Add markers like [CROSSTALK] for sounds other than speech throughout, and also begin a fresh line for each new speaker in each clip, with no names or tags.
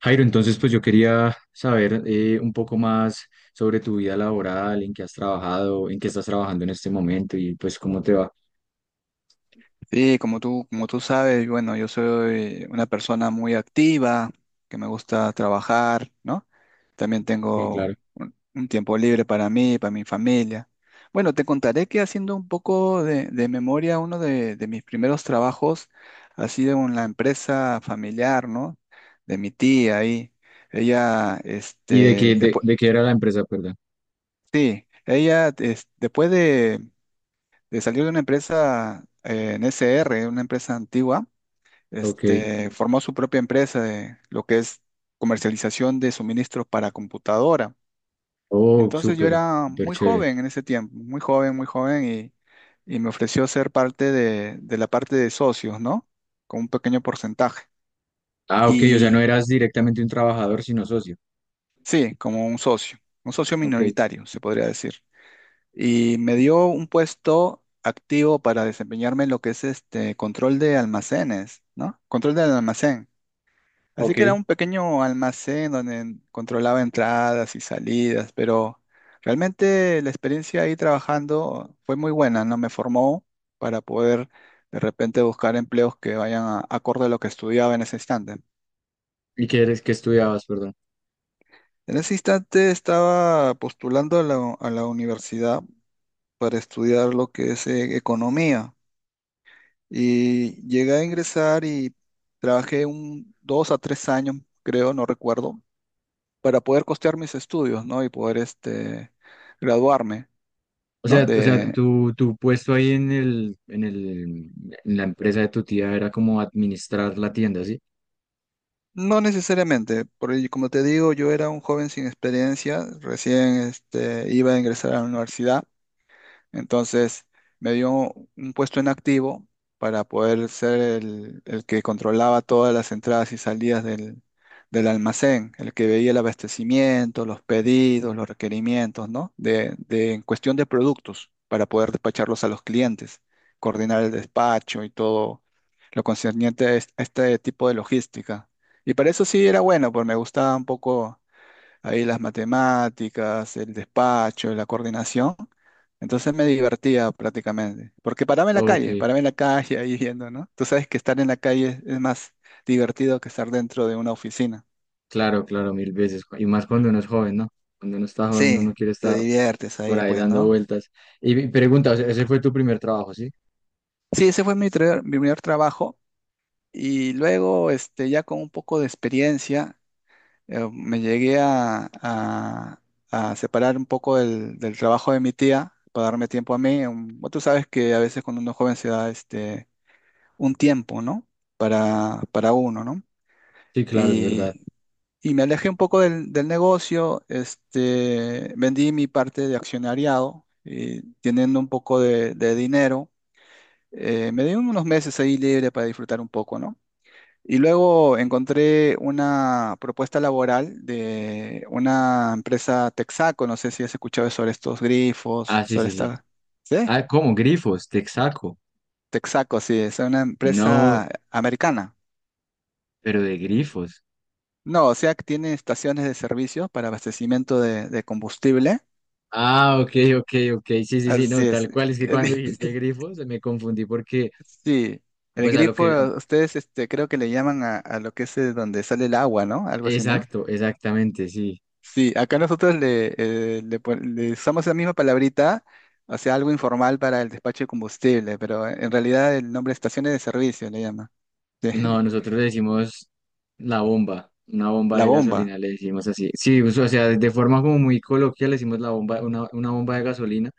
Jairo, entonces pues yo quería saber un poco más sobre tu vida laboral, en qué has trabajado, en qué estás trabajando en este momento y pues cómo te va.
Sí, como tú sabes, bueno, yo soy una persona muy activa, que me gusta trabajar, ¿no? También
Sí, claro.
tengo un tiempo libre para mí, para mi familia. Bueno, te contaré que haciendo un poco de memoria, uno de mis primeros trabajos ha sido en la empresa familiar, ¿no? De mi tía ahí. Ella,
¿Y de qué,
después,
de qué era la empresa, perdón?
sí, ella, después de salir de una empresa en SR, una empresa antigua,
Ok.
formó su propia empresa de lo que es comercialización de suministros para computadora.
Oh,
Entonces yo
súper,
era
súper
muy
chévere.
joven en ese tiempo, muy joven, y me ofreció ser parte de la parte de socios, ¿no? Con un pequeño porcentaje.
Ah, ok, o sea, no
Y
eras directamente un trabajador, sino socio.
sí, como un socio
Ok,
minoritario, se podría decir. Y me dio un puesto activo para desempeñarme en lo que es este control de almacenes, ¿no? Control del almacén. Así
ok.
que era un pequeño almacén donde controlaba entradas y salidas, pero realmente la experiencia ahí trabajando fue muy buena, ¿no? Me formó para poder de repente buscar empleos que vayan acorde a lo que estudiaba en ese instante.
¿Y qué eres, qué estudiabas, perdón?
En ese instante estaba postulando a la universidad para estudiar lo que es economía y llegué a ingresar y trabajé un 2 a 3 años, creo, no recuerdo para poder costear mis estudios, ¿no? Y poder graduarme, ¿no?
O sea,
De,
tu puesto ahí en el, en la empresa de tu tía era como administrar la tienda, ¿sí?
no necesariamente, porque como te digo, yo era un joven sin experiencia, recién iba a ingresar a la universidad. Entonces me dio un puesto en activo para poder ser el que controlaba todas las entradas y salidas del, del almacén, el que veía el abastecimiento, los pedidos, los requerimientos, ¿no? De, en cuestión de productos para poder despacharlos a los clientes, coordinar el despacho y todo lo concerniente a este tipo de logística. Y para eso sí era bueno, pues me gustaba un poco ahí las matemáticas, el despacho, la coordinación. Entonces me divertía prácticamente, porque paraba en la calle,
Ok.
paraba en la calle ahí viendo, ¿no? Tú sabes que estar en la calle es más divertido que estar dentro de una oficina.
Claro, claro, mil veces. Y más cuando uno es joven, ¿no? Cuando uno está joven,
Sí,
uno quiere
te
estar
diviertes
por
ahí,
ahí
pues,
dando
¿no?
vueltas. Y mi pregunta, o sea, ese fue tu primer trabajo, ¿sí?
Sí, ese fue mi, mi primer trabajo y luego, ya con un poco de experiencia, me llegué a separar un poco del, del trabajo de mi tía para darme tiempo a mí. Tú sabes que a veces cuando uno es joven se da un tiempo, ¿no? Para uno, ¿no?
Sí, claro, es verdad.
Y, y me alejé un poco del, del negocio, vendí mi parte de accionariado y teniendo un poco de dinero, me di unos meses ahí libre para disfrutar un poco, ¿no? Y luego encontré una propuesta laboral de una empresa Texaco, no sé si has escuchado sobre estos grifos,
Ah, sí,
sobre
sí, sí.
esta… ¿Sí?
Ah, ¿cómo? Grifos, Texaco.
Texaco, sí, es una
No,
empresa americana.
pero de grifos.
No, o sea que tiene estaciones de servicio para abastecimiento de combustible.
Ah, ok, ok, ok. Sí, sí, sí, no,
Así es.
tal cual. Es que cuando
El-
dijiste grifos me confundí porque,
[LAUGHS] sí, el
pues a lo
grifo,
que...
ustedes creo que le llaman a lo que es donde sale el agua, ¿no? Algo así, ¿no?
Exacto, exactamente, sí.
Sí, acá nosotros le usamos la misma palabrita, o sea, algo informal para el despacho de combustible, pero en realidad el nombre es estaciones de servicio le llama. Sí,
No,
[LAUGHS]
nosotros le decimos la bomba, una bomba
La
de
bomba.
gasolina, le decimos así. Sí, pues, o sea, de forma como muy coloquial le decimos la bomba, una bomba de gasolina,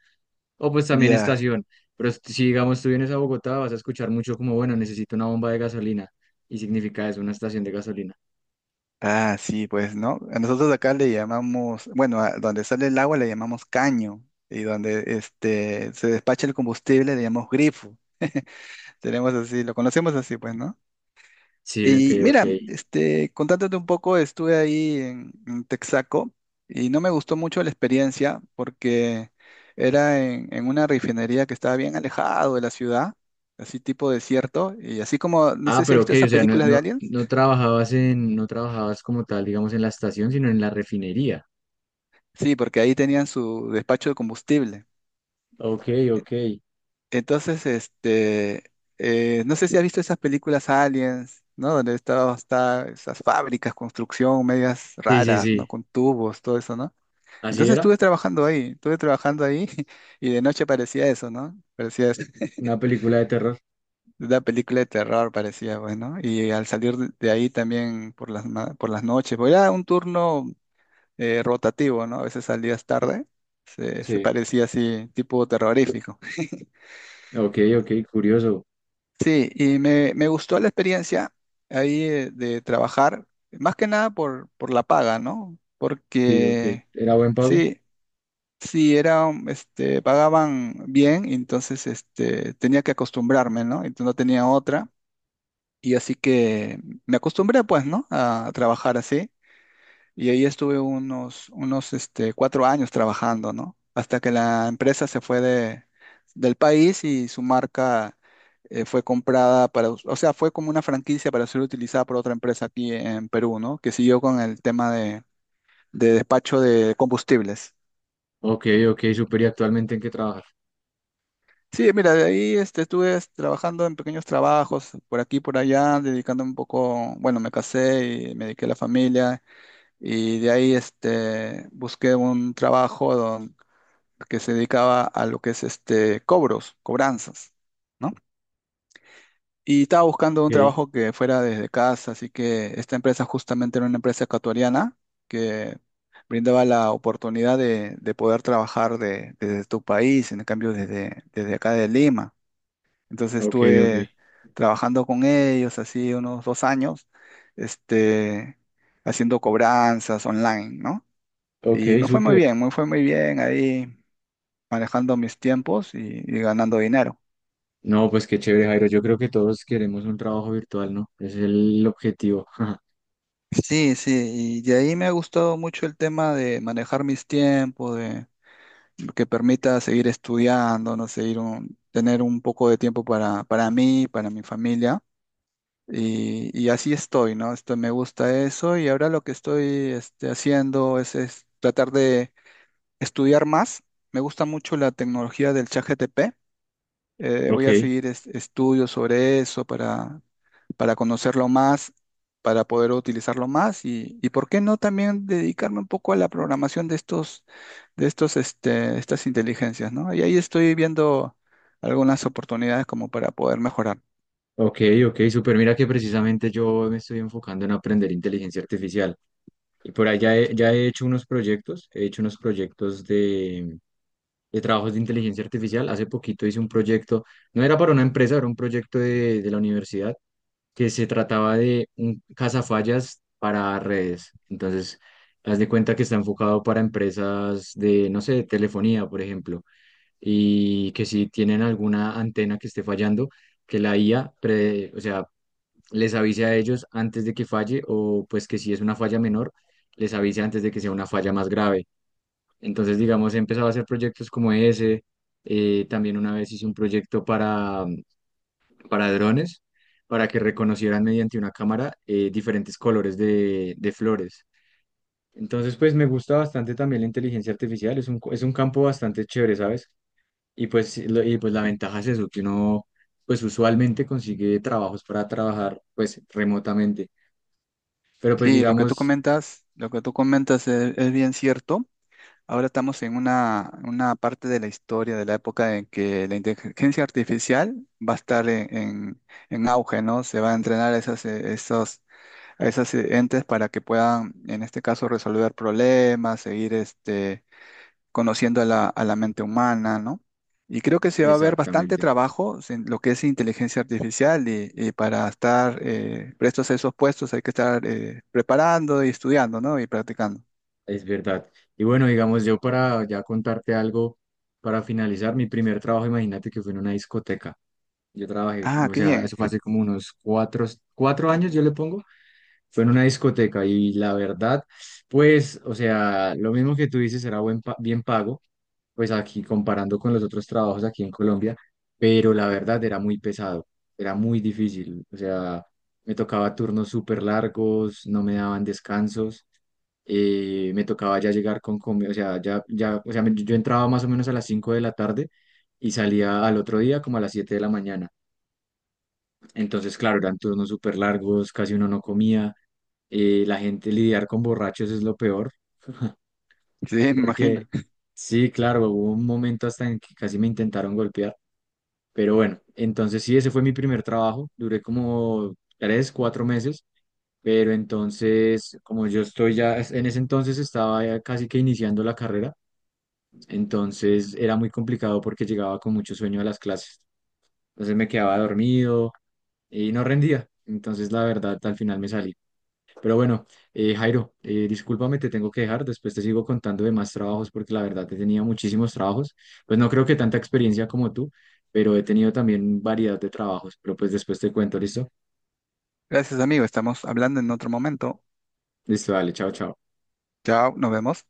o pues también
Ya.
estación. Pero si, digamos tú vienes a Bogotá, vas a escuchar mucho como, bueno, necesito una bomba de gasolina. Y significa eso, una estación de gasolina.
Ah, sí, pues, ¿no? A nosotros acá le llamamos, bueno, a donde sale el agua le llamamos caño, y donde se despacha el combustible le llamamos grifo. Tenemos así, lo conocemos así, pues, ¿no?
Sí, ok,
Y
ok.
mira, contándote un poco, estuve ahí en Texaco y no me gustó mucho la experiencia porque era en una refinería que estaba bien alejado de la ciudad, así tipo desierto, y así como, no
Ah,
sé si has
pero ok,
visto
o
esas
sea, no,
películas de
no,
Aliens,
no trabajabas en, no trabajabas como tal, digamos, en la estación, sino en la refinería.
sí, porque ahí tenían su despacho de combustible.
Ok, ok.
Entonces, no sé si has visto esas películas Aliens, ¿no? Donde estaba, está esas fábricas, construcción, medias
Sí, sí,
raras, ¿no?
sí.
Con tubos, todo eso, ¿no?
Así
Entonces
era,
estuve trabajando ahí [LAUGHS] y de noche parecía eso, ¿no? Parecía [LAUGHS]
una película de terror.
una película de terror, parecía, bueno. Y al salir de ahí también por las, por las noches, porque era un turno rotativo, ¿no? A veces salías tarde, se
Sí.
parecía así, tipo terrorífico.
Ok, ok, curioso.
Sí, y me gustó la experiencia ahí de trabajar, más que nada por, por la paga, ¿no?
Sí, ok.
Porque…
¿Era buen pago?
Sí, sí, era, pagaban bien, y entonces tenía que acostumbrarme, ¿no? Entonces no tenía otra. Y así que me acostumbré, pues, ¿no? A trabajar así. Y ahí estuve unos, unos 4 años trabajando, ¿no? Hasta que la empresa se fue de, del país y su marca fue comprada para, o sea, fue como una franquicia para ser utilizada por otra empresa aquí en Perú, ¿no? Que siguió con el tema de despacho de combustibles.
Ok, ok, súper. ¿Y actualmente en qué trabajar?
Sí, mira, de ahí estuve trabajando en pequeños trabajos por aquí, por allá, dedicándome un poco, bueno, me casé y me dediqué a la familia y de ahí busqué un trabajo que se dedicaba a lo que es cobros, cobranzas, ¿no? Y estaba buscando un
Ok,
trabajo que fuera desde casa, así que esta empresa justamente era una empresa ecuatoriana que brindaba la oportunidad de poder trabajar desde tu país, en cambio desde, desde acá de Lima. Entonces
ok, ok.
estuve trabajando con ellos así unos 2 años, este, haciendo cobranzas online, ¿no?
Ok,
Y me fue muy
súper.
bien, me fue muy bien ahí manejando mis tiempos y ganando dinero.
No, pues qué chévere, Jairo. Yo creo que todos queremos un trabajo virtual, ¿no? Ese es el objetivo. [LAUGHS]
Sí, sí, y de ahí me ha gustado mucho el tema de manejar mis tiempos, de que permita seguir estudiando, no seguir un, tener un poco de tiempo para mí, para mi familia. Y así estoy, ¿no? Esto, me gusta eso y ahora lo que estoy haciendo es tratar de estudiar más. Me gusta mucho la tecnología del ChatGPT.
Ok,
Voy a seguir estudios sobre eso para conocerlo más, para poder utilizarlo más y por qué no también dedicarme un poco a la programación de estos, estas inteligencias, ¿no? Y ahí estoy viendo algunas oportunidades como para poder mejorar.
ok, ok, súper. Mira que precisamente yo me estoy enfocando en aprender inteligencia artificial. Y por ahí ya he hecho unos proyectos, he hecho unos proyectos de trabajos de inteligencia artificial. Hace poquito hice un proyecto, no era para una empresa, era un proyecto de la universidad que se trataba de un cazafallas para redes. Entonces, haz de cuenta que está enfocado para empresas de, no sé, de telefonía, por ejemplo, y que si tienen alguna antena que esté fallando, que la IA, o sea, les avise a ellos antes de que falle o pues que si es una falla menor, les avise antes de que sea una falla más grave. Entonces, digamos, he empezado a hacer proyectos como ese. También una vez hice un proyecto para drones para que reconocieran mediante una cámara diferentes colores de flores. Entonces, pues me gusta bastante también la inteligencia artificial, es un, es un campo bastante chévere, ¿sabes? Y pues, sí, y pues la ventaja es eso, que uno pues usualmente consigue trabajos para trabajar pues remotamente, pero pues
Sí, lo que tú
digamos,
comentas, lo que tú comentas es bien cierto. Ahora estamos en una parte de la historia de la época en que la inteligencia artificial va a estar en, en auge, ¿no? Se va a entrenar a esas, a esas entes para que puedan, en este caso, resolver problemas, seguir conociendo a la mente humana, ¿no? Y creo que se va a ver bastante
exactamente,
trabajo en lo que es inteligencia artificial y para estar prestos a esos puestos hay que estar preparando y estudiando, ¿no? Y practicando.
es verdad. Y bueno, digamos, yo para ya contarte algo, para finalizar, mi primer trabajo, imagínate que fue en una discoteca. Yo trabajé,
Ah,
o
qué
sea, eso
bien.
fue hace
[LAUGHS]
como unos cuatro, cuatro años, yo le pongo, fue en una discoteca y la verdad, pues, o sea, lo mismo que tú dices, era bien pago, pues aquí comparando con los otros trabajos aquí en Colombia, pero la verdad era muy pesado, era muy difícil, o sea, me tocaba turnos súper largos, no me daban descansos, me tocaba ya llegar con comida, o sea, ya, ya, o sea, yo entraba más o menos a las 5 de la tarde y salía al otro día como a las 7 de la mañana. Entonces, claro, eran turnos súper largos, casi uno no comía. La gente lidiar con borrachos es lo peor,
Sí, me
porque
imagino.
sí, claro, hubo un momento hasta en que casi me intentaron golpear. Pero bueno, entonces sí, ese fue mi primer trabajo. Duré como tres, cuatro meses. Pero entonces, como yo estoy ya, en ese entonces estaba ya casi que iniciando la carrera, entonces era muy complicado porque llegaba con mucho sueño a las clases. Entonces me quedaba dormido y no rendía. Entonces, la verdad, al final me salí. Pero bueno, Jairo, discúlpame, te tengo que dejar. Después te sigo contando de más trabajos porque la verdad he tenido muchísimos trabajos. Pues no creo que tanta experiencia como tú, pero he tenido también variedad de trabajos. Pero pues después te cuento, ¿listo?
Gracias, amigo. Estamos hablando en otro momento.
Listo, dale, chao, chao.
Chao, nos vemos.